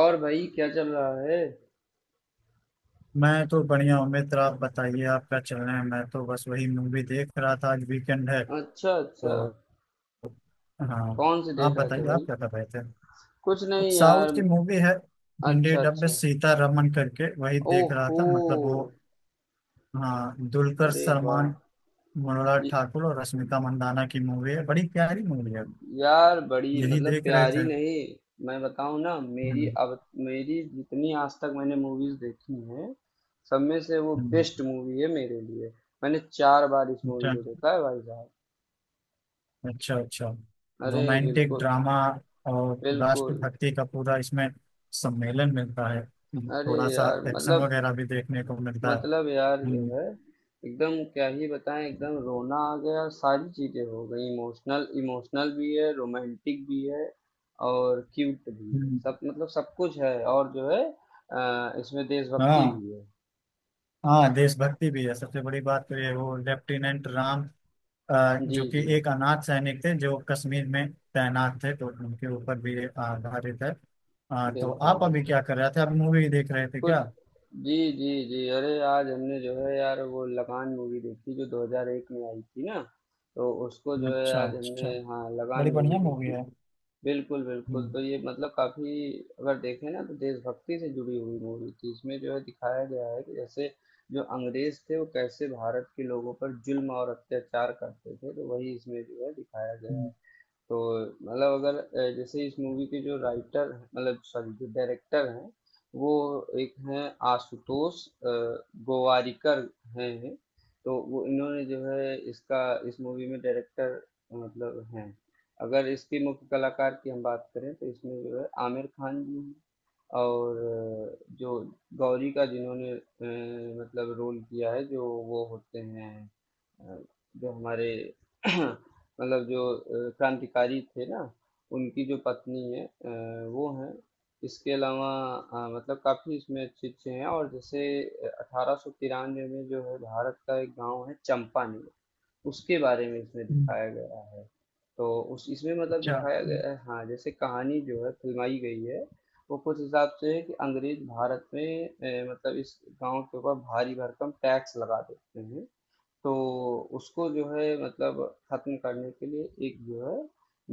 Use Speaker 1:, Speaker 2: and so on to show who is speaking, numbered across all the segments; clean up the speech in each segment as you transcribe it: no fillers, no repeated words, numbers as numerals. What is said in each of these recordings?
Speaker 1: और भाई क्या चल रहा है?
Speaker 2: मैं तो बढ़िया हूँ मित्र। आप बताइए आप क्या चल रहे हैं। मैं तो बस वही मूवी देख रहा था, आज वीकेंड है
Speaker 1: अच्छा, अच्छा।
Speaker 2: तो। हाँ,
Speaker 1: कौन सी
Speaker 2: आप
Speaker 1: देख रहे थे,
Speaker 2: बताइए आप
Speaker 1: भाई?
Speaker 2: क्या कर रहे थे।
Speaker 1: कुछ
Speaker 2: कुछ
Speaker 1: नहीं,
Speaker 2: साउथ
Speaker 1: यार।
Speaker 2: की मूवी है, हिंदी
Speaker 1: अच्छा,
Speaker 2: डब में,
Speaker 1: अच्छा।
Speaker 2: सीता रमन करके, वही देख रहा
Speaker 1: ओहो।
Speaker 2: था। मतलब वो, हाँ, दुलकर
Speaker 1: अरे वाह।
Speaker 2: सलमान, मनोहर
Speaker 1: ये-
Speaker 2: ठाकुर और रश्मिका मंदाना की मूवी है। बड़ी प्यारी मूवी है।
Speaker 1: यार, बड़ी
Speaker 2: यही
Speaker 1: मतलब
Speaker 2: देख रहे
Speaker 1: प्यारी
Speaker 2: थे।
Speaker 1: नहीं। मैं बताऊं ना, मेरी
Speaker 2: हम्म।
Speaker 1: अब मेरी जितनी आज तक मैंने मूवीज देखी हैं, सब में से वो
Speaker 2: हम्म।
Speaker 1: बेस्ट मूवी है मेरे लिए। मैंने 4 बार इस मूवी
Speaker 2: अच्छा।
Speaker 1: को देखा है, भाई साहब।
Speaker 2: अच्छा अच्छा।
Speaker 1: अरे
Speaker 2: रोमांटिक
Speaker 1: बिल्कुल,
Speaker 2: ड्रामा और
Speaker 1: बिल्कुल।
Speaker 2: राष्ट्रभक्ति का पूरा इसमें सम्मेलन मिलता है।
Speaker 1: अरे
Speaker 2: थोड़ा सा
Speaker 1: यार,
Speaker 2: एक्शन
Speaker 1: मतलब
Speaker 2: वगैरह भी देखने को मिलता है।
Speaker 1: मतलब यार जो
Speaker 2: हम्म।
Speaker 1: है, एकदम क्या ही बताएं, एकदम रोना आ गया, सारी चीज़ें हो गई, इमोशनल, इमोशनल भी है, रोमांटिक भी है, और क्यूट भी है,
Speaker 2: हम्म,
Speaker 1: सब मतलब सब कुछ है, और जो है इसमें देशभक्ति
Speaker 2: हाँ।
Speaker 1: भी है।
Speaker 2: हाँ, देशभक्ति भी है। सबसे बड़ी बात तो ये है, वो लेफ्टिनेंट राम,
Speaker 1: जी,
Speaker 2: जो कि
Speaker 1: जी।
Speaker 2: एक अनाथ सैनिक थे, जो कश्मीर में तैनात थे, तो उनके ऊपर भी ये आधारित है। हाँ, तो
Speaker 1: बिल्कुल,
Speaker 2: आप अभी
Speaker 1: बिल्कुल।
Speaker 2: क्या कर रहे थे, आप मूवी देख रहे थे
Speaker 1: कुछ
Speaker 2: क्या।
Speaker 1: जी, जी, जी। अरे, आज हमने जो है यार, वो लगान मूवी देखी, जो 2001 में आई थी ना। तो उसको जो है
Speaker 2: अच्छा
Speaker 1: आज हमने,
Speaker 2: अच्छा।
Speaker 1: हाँ,
Speaker 2: बड़ी
Speaker 1: लगान मूवी
Speaker 2: बढ़िया मूवी
Speaker 1: देखी।
Speaker 2: है।
Speaker 1: बिल्कुल, बिल्कुल।
Speaker 2: हम्म।
Speaker 1: तो ये मतलब काफ़ी, अगर देखें ना, तो देशभक्ति से जुड़ी हुई मूवी थी। इसमें जो है दिखाया गया है कि जैसे जो अंग्रेज़ थे, वो कैसे भारत के लोगों पर ज़ुल्म और अत्याचार करते थे, तो वही इसमें जो है दिखाया गया
Speaker 2: हम्म।
Speaker 1: है। तो मतलब, अगर जैसे इस मूवी के जो राइटर मतलब सॉरी, जो डायरेक्टर हैं, वो एक हैं, आशुतोष गोवारिकर हैं। तो वो इन्होंने जो है इसका, इस मूवी में डायरेक्टर मतलब हैं। अगर इसके मुख्य कलाकार की हम बात करें, तो इसमें जो है आमिर खान जी हैं। और जो गौरी का जिन्होंने मतलब रोल किया है, जो, वो होते हैं, अ, जो हमारे मतलब जो क्रांतिकारी थे ना, उनकी जो पत्नी है, वो हैं। इसके अलावा मतलब काफी इसमें अच्छे अच्छे हैं, और जैसे, 1893 में जो है भारत का एक गांव है, चंपानेर, उसके बारे में इसमें
Speaker 2: हम्म।
Speaker 1: दिखाया गया है। तो उस इसमें मतलब
Speaker 2: अच्छा।
Speaker 1: दिखाया
Speaker 2: हम्म।
Speaker 1: गया है, हाँ, जैसे कहानी जो है फिल्माई गई है। वो कुछ हिसाब से है कि अंग्रेज भारत में मतलब इस गांव के ऊपर भारी भरकम टैक्स लगा देते हैं। तो उसको जो है मतलब खत्म करने के लिए एक जो है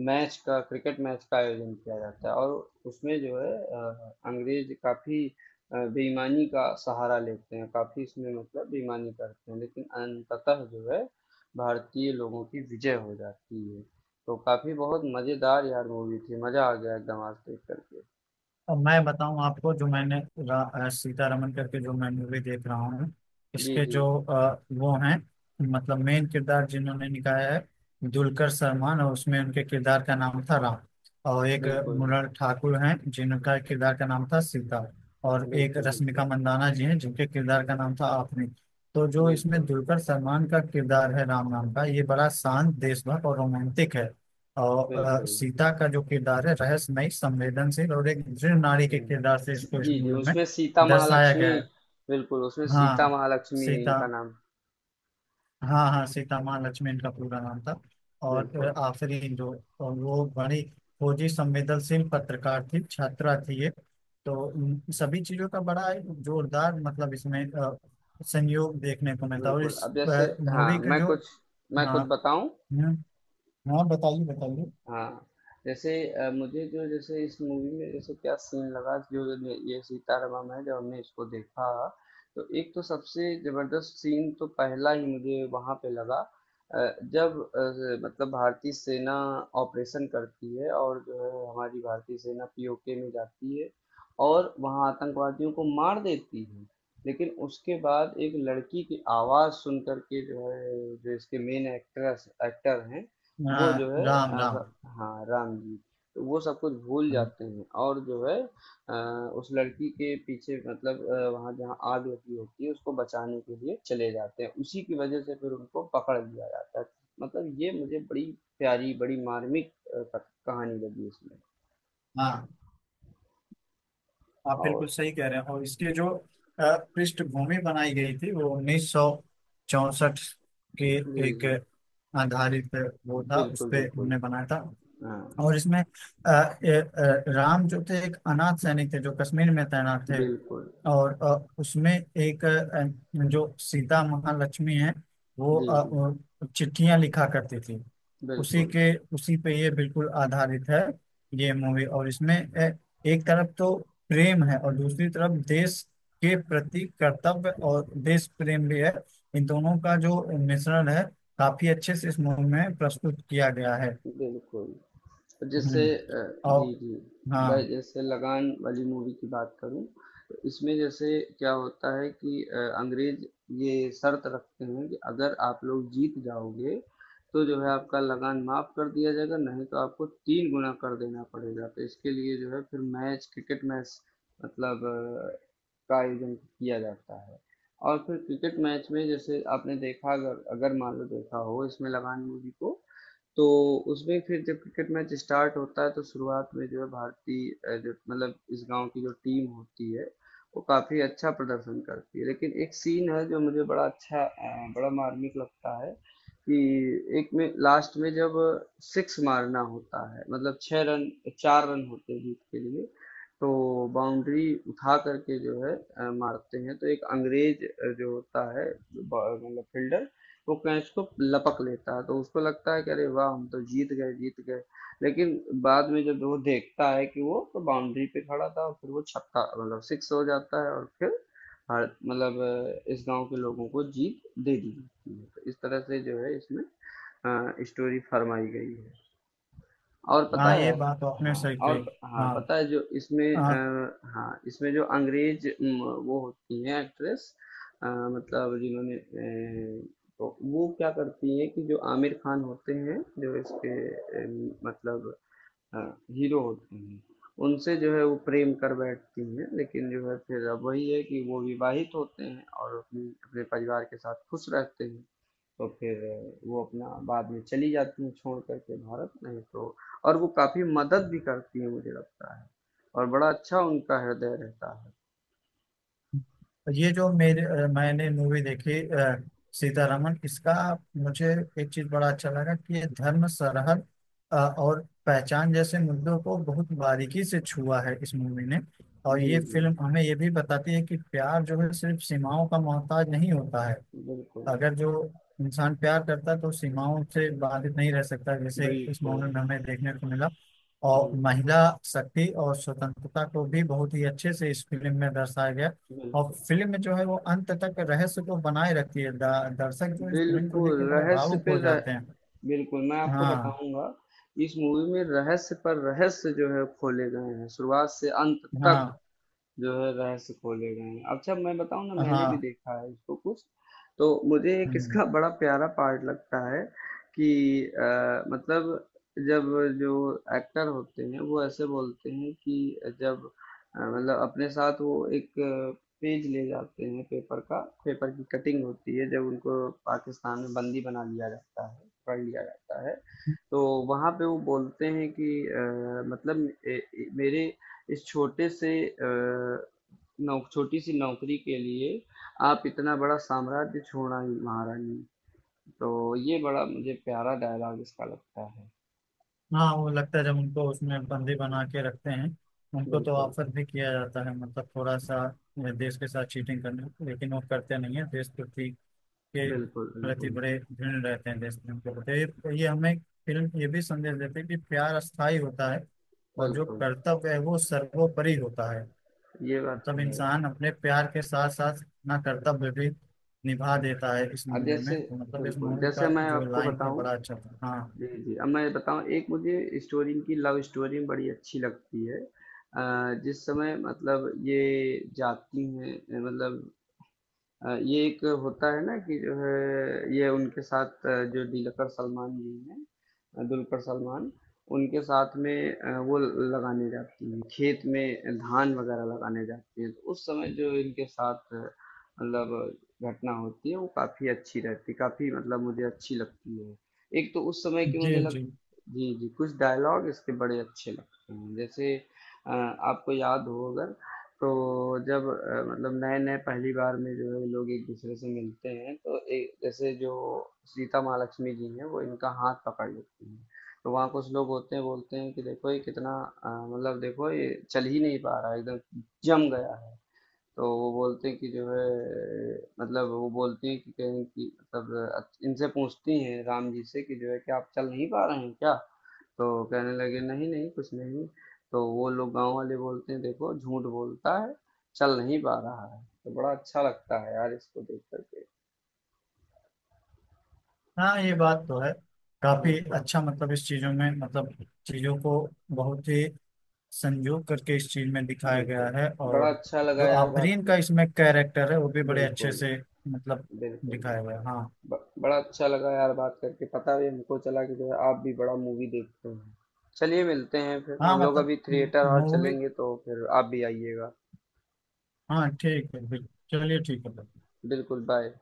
Speaker 1: मैच का, क्रिकेट मैच का आयोजन किया जाता है, और उसमें जो है अंग्रेज काफी बेईमानी का सहारा लेते हैं, काफी इसमें मतलब बेईमानी करते हैं, लेकिन अंततः जो है भारतीय लोगों की विजय हो जाती है। तो काफी बहुत मजेदार यार मूवी थी, मजा आ गया एकदम आज देख करके।
Speaker 2: अब मैं बताऊं आपको, जो मैंने सीतारमन करके जो मैं मूवी देख रहा हूँ,
Speaker 1: जी,
Speaker 2: इसके
Speaker 1: जी।
Speaker 2: जो वो हैं, मतलब मेन किरदार जिन्होंने निभाया है दुलकर सलमान, और उसमें उनके किरदार का नाम था राम। और एक
Speaker 1: बिल्कुल,
Speaker 2: मृणाल ठाकुर हैं, जिनका किरदार का नाम था सीता। और एक
Speaker 1: बिल्कुल।
Speaker 2: रश्मिका
Speaker 1: बिल्कुल,
Speaker 2: मंदाना जी हैं, जिनके किरदार का नाम था आपने। तो जो इसमें
Speaker 1: बिल्कुल,
Speaker 2: दुलकर सलमान का किरदार है राम नाम का, ये बड़ा शांत, देशभक्त और रोमांटिक है। और
Speaker 1: बिल्कुल।
Speaker 2: सीता का जो किरदार है, रहस्यमय, संवेदनशील और एक दृढ़ नारी के
Speaker 1: हम्म।
Speaker 2: किरदार से इसको इस
Speaker 1: जी, जी,
Speaker 2: मूवी में
Speaker 1: उसमें सीता
Speaker 2: दर्शाया
Speaker 1: महालक्ष्मी,
Speaker 2: गया है।
Speaker 1: बिल्कुल, उसमें सीता
Speaker 2: हाँ,
Speaker 1: महालक्ष्मी
Speaker 2: सीता।
Speaker 1: इनका नाम,
Speaker 2: हाँ हाँ, सीता माँ लक्ष्मी इनका पूरा नाम था। और
Speaker 1: बिल्कुल,
Speaker 2: अ, आखिरी जो और वो बड़ी खोजी, संवेदनशील पत्रकार थी, छात्रा थी ये। तो उन सभी चीजों का बड़ा एक जोरदार, मतलब इसमें संयोग देखने को मिलता है। और
Speaker 1: बिल्कुल।
Speaker 2: इस
Speaker 1: अब जैसे, हाँ,
Speaker 2: मूवी के
Speaker 1: मैं
Speaker 2: जो,
Speaker 1: कुछ, मैं कुछ
Speaker 2: हाँ।
Speaker 1: बताऊँ?
Speaker 2: हम्म, हाँ, बताइए बताइए।
Speaker 1: हाँ, जैसे मुझे जो जैसे इस मूवी में जैसे क्या सीन लगा, जो ये सीतारामम है, जब हमने इसको देखा, तो एक तो सबसे जबरदस्त सीन तो पहला ही मुझे वहां पे लगा। अ, जब मतलब भारतीय सेना ऑपरेशन करती है और जो है हमारी भारतीय सेना पीओके में जाती है, और वहां आतंकवादियों को मार देती है। लेकिन उसके बाद एक लड़की की आवाज सुन करके जो है, जो इसके मेन एक्ट्रेस एक्टर हैं,
Speaker 2: हाँ,
Speaker 1: वो जो है,
Speaker 2: राम राम।
Speaker 1: हाँ, राम जी, तो वो सब कुछ भूल जाते हैं, और जो है अ, उस लड़की के पीछे मतलब वहाँ जहाँ आग लगी होती है उसको बचाने के लिए चले जाते हैं, उसी की वजह से फिर उनको पकड़ लिया जाता है। मतलब ये मुझे बड़ी प्यारी, बड़ी मार्मिक कहानी लगी इसमें।
Speaker 2: हाँ, आप बिल्कुल
Speaker 1: और
Speaker 2: सही कह रहे हैं। और इसकी जो पृष्ठभूमि बनाई गई थी, वो 1964 के
Speaker 1: जी,
Speaker 2: एक
Speaker 1: जी।
Speaker 2: आधारित, वो था, उस
Speaker 1: बिल्कुल,
Speaker 2: पे
Speaker 1: बिल्कुल।
Speaker 2: हमने बनाया था।
Speaker 1: हाँ,
Speaker 2: और इसमें राम जो थे, एक अनाथ सैनिक थे, जो कश्मीर में तैनात थे।
Speaker 1: बिल्कुल।
Speaker 2: और उसमें एक जो सीता महालक्ष्मी है, वो
Speaker 1: जी, जी।
Speaker 2: वो चिट्ठियां लिखा करती थी। उसी
Speaker 1: बिल्कुल,
Speaker 2: के, उसी पे ये बिल्कुल आधारित है, ये मूवी। और इसमें एक तरफ तो प्रेम है, और दूसरी तरफ देश के प्रति कर्तव्य और देश प्रेम भी है। इन दोनों का जो मिश्रण है, काफी अच्छे से इस मूवी में प्रस्तुत किया गया है।
Speaker 1: बिल्कुल। तो जैसे
Speaker 2: हम्म, और
Speaker 1: जी, जी। मैं
Speaker 2: हाँ।
Speaker 1: जैसे लगान वाली मूवी की बात करूँ, तो इसमें जैसे क्या होता है कि अंग्रेज़ ये शर्त रखते हैं कि अगर आप लोग जीत जाओगे, तो जो है आपका लगान माफ़ कर दिया जाएगा, नहीं तो आपको 3 गुना कर देना पड़ेगा। तो इसके लिए जो है फिर मैच क्रिकेट मैच मतलब का आयोजन किया जाता है। और फिर क्रिकेट मैच में जैसे आपने देखा, अगर अगर मान लो देखा हो इसमें लगान मूवी को, तो उसमें फिर जब क्रिकेट मैच स्टार्ट होता है, तो शुरुआत में जो है भारतीय जो मतलब इस गांव की जो टीम होती है, वो काफी अच्छा प्रदर्शन करती है, लेकिन एक सीन है जो मुझे बड़ा अच्छा बड़ा मार्मिक लगता है, कि एक में लास्ट में जब सिक्स मारना होता है मतलब 6 रन, 4 रन होते हैं जीत के लिए, तो बाउंड्री उठा करके जो है मारते हैं, तो एक अंग्रेज जो होता है, मतलब फील्डर, वो कैच को लपक लेता है, तो उसको लगता है कि अरे वाह, हम तो जीत गए, जीत गए। लेकिन बाद में जब वो देखता है कि वो तो बाउंड्री पे खड़ा था, और फिर वो छक्का मतलब सिक्स हो जाता है, और फिर हर मतलब इस गांव के लोगों को जीत दे दी जाती है। तो इस तरह से जो है इसमें स्टोरी फरमाई गई है। और पता
Speaker 2: हाँ,
Speaker 1: है
Speaker 2: ये बात तो आपने
Speaker 1: हाँ
Speaker 2: सही
Speaker 1: और,
Speaker 2: कही।
Speaker 1: हाँ
Speaker 2: हाँ
Speaker 1: पता है जो इसमें
Speaker 2: हाँ।
Speaker 1: हाँ इसमें जो अंग्रेज वो होती हैं एक्ट्रेस, मतलब जिन्होंने तो वो क्या करती हैं कि जो आमिर खान होते हैं, जो इसके अ, मतलब हीरो होते हैं, उनसे जो है वो प्रेम कर बैठती हैं, लेकिन जो है फिर अब वही है कि वो विवाहित होते हैं और अपनी अपने परिवार के साथ खुश रहते हैं। तो फिर वो अपना बाद में चली जाती हैं छोड़ करके भारत, नहीं तो, और वो काफ़ी मदद भी करती हैं मुझे लगता है, और बड़ा अच्छा उनका हृदय रहता है।
Speaker 2: ये जो मेरे मैंने मूवी देखी सीतारमन, इसका मुझे एक चीज बड़ा अच्छा लगा कि ये धर्म, सरहद और पहचान जैसे मुद्दों को बहुत बारीकी से छुआ है इस मूवी ने। और
Speaker 1: जी,
Speaker 2: ये
Speaker 1: जी।
Speaker 2: फिल्म हमें ये भी बताती है कि प्यार जो है सिर्फ सीमाओं का मोहताज नहीं होता है।
Speaker 1: बिल्कुल,
Speaker 2: अगर जो इंसान प्यार करता है, तो सीमाओं से बाधित नहीं रह सकता, जैसे इस
Speaker 1: बिल्कुल।
Speaker 2: मॉडल में हमें देखने को मिला। और
Speaker 1: जी,
Speaker 2: महिला शक्ति और स्वतंत्रता को भी बहुत ही अच्छे से इस फिल्म में दर्शाया गया। और
Speaker 1: बिल्कुल।
Speaker 2: फिल्म में जो है वो अंत तक रहस्य को बनाए रखती है। दर्शक जो इस फिल्म को देख
Speaker 1: बिल्कुल
Speaker 2: के बड़े
Speaker 1: रहस्य
Speaker 2: भावुक
Speaker 1: पे
Speaker 2: हो
Speaker 1: रह,
Speaker 2: जाते हैं।
Speaker 1: बिल्कुल, मैं आपको
Speaker 2: हाँ।
Speaker 1: बताऊंगा। इस मूवी में रहस्य पर रहस्य जो है खोले गए हैं, शुरुआत से अंत तक
Speaker 2: हाँ
Speaker 1: जो है रहस्य खोले गए हैं। अच्छा, मैं बताऊं ना, मैंने भी
Speaker 2: हाँ।
Speaker 1: देखा है इसको कुछ। तो मुझे एक
Speaker 2: हम्म,
Speaker 1: इसका बड़ा प्यारा पार्ट लगता है कि मतलब जब जो एक्टर होते हैं वो ऐसे बोलते हैं कि जब मतलब अपने साथ वो एक पेज ले जाते हैं, पेपर का, पेपर की कटिंग होती है, जब उनको पाकिस्तान में बंदी बना लिया जाता है, पकड़ लिया जाता है, तो वहां पे वो बोलते हैं कि मतलब मेरे इस छोटे से नौ छोटी सी नौकरी के लिए आप इतना बड़ा साम्राज्य छोड़ना ही महारानी। तो ये बड़ा मुझे प्यारा डायलॉग इसका लगता है।
Speaker 2: हाँ, वो लगता है जब उनको उसमें बंदी बना के रखते हैं, उनको तो
Speaker 1: बिल्कुल,
Speaker 2: ऑफर भी किया जाता है, मतलब थोड़ा सा देश के साथ चीटिंग करने, लेकिन वो करते नहीं है। देशभक्ति के
Speaker 1: बिल्कुल।
Speaker 2: प्रति
Speaker 1: बिल्कुल,
Speaker 2: बड़े ऋणी रहते हैं, देश प्रेम के प्रति। तो ये हमें फिल्म ये भी संदेश देती है कि प्यार अस्थायी होता है, और जो
Speaker 1: बिल्कुल।
Speaker 2: कर्तव्य है वो सर्वोपरि होता है।
Speaker 1: ये बात
Speaker 2: मतलब
Speaker 1: तो है।
Speaker 2: इंसान अपने प्यार के साथ साथ अपना कर्तव्य भी निभा
Speaker 1: हाँ।
Speaker 2: देता है इस
Speaker 1: अब
Speaker 2: मूवी
Speaker 1: जैसे,
Speaker 2: में। तो मतलब इस
Speaker 1: बिल्कुल
Speaker 2: मूवी का
Speaker 1: जैसे मैं
Speaker 2: जो
Speaker 1: आपको
Speaker 2: लाइन था,
Speaker 1: बताऊं,
Speaker 2: बड़ा अच्छा था। हाँ।
Speaker 1: जी, जी। अब मैं बताऊं, एक मुझे स्टोरी, इनकी लव स्टोरी बड़ी अच्छी लगती है। जिस समय मतलब ये जाती हैं मतलब ये एक होता है ना कि जो है ये उनके साथ जो दिलकर सलमान जी हैं, दुलकर सलमान, उनके साथ में वो लगाने जाती हैं, खेत में धान वगैरह लगाने जाती हैं, तो उस समय जो इनके साथ मतलब घटना होती है वो काफी अच्छी रहती, काफी मतलब मुझे अच्छी लगती है। एक तो उस समय की मुझे
Speaker 2: जी
Speaker 1: लग,
Speaker 2: जी।
Speaker 1: जी, जी, कुछ डायलॉग इसके बड़े अच्छे लगते हैं, जैसे आपको याद हो अगर, तो जब मतलब नए-नए पहली बार में जो है लोग एक-दूसरे से मिलते हैं, तो एक जैसे जो सीता माँ लक्ष्मी जी हैं वो इनका हाथ पकड़ लेती हैं। तो वहाँ कुछ लोग होते हैं, बोलते हैं कि देखो ये कितना मतलब देखो ये चल ही नहीं पा रहा है एकदम, जम गया है। तो वो बोलते हैं कि जो है मतलब वो बोलती हैं कि कहीं कि मतलब इनसे पूछती हैं राम जी से कि जो है कि आप चल नहीं पा रहे हैं क्या? तो कहने लगे नहीं नहीं कुछ नहीं। तो वो लोग गांव वाले बोलते हैं, देखो झूठ बोलता है, चल नहीं पा रहा है। तो बड़ा अच्छा लगता है यार इसको देख करके।
Speaker 2: हाँ, ये बात तो है। काफी
Speaker 1: बिल्कुल,
Speaker 2: अच्छा, मतलब इस चीजों में, मतलब चीजों को बहुत ही संजू करके इस चीज में दिखाया गया
Speaker 1: बिल्कुल।
Speaker 2: है।
Speaker 1: बड़ा
Speaker 2: और
Speaker 1: अच्छा लगा
Speaker 2: जो
Speaker 1: यार बात
Speaker 2: आफरीन का
Speaker 1: कर,
Speaker 2: इसमें कैरेक्टर है, वो भी बड़े
Speaker 1: बिल्कुल,
Speaker 2: अच्छे से, मतलब
Speaker 1: बिल्कुल,
Speaker 2: दिखाया गया
Speaker 1: बिल्कुल।
Speaker 2: है। हाँ
Speaker 1: बड़ा अच्छा लगा यार बात करके, पता भी हमको चला कि जो है आप भी बड़ा मूवी देखते हैं। चलिए मिलते हैं फिर,
Speaker 2: हाँ।
Speaker 1: हम लोग
Speaker 2: मतलब
Speaker 1: अभी थिएटर और
Speaker 2: मूवी,
Speaker 1: चलेंगे, तो फिर आप भी आइएगा।
Speaker 2: हाँ ठीक है, बिल्कुल, चलिए ठीक है।
Speaker 1: बिल्कुल, बाय।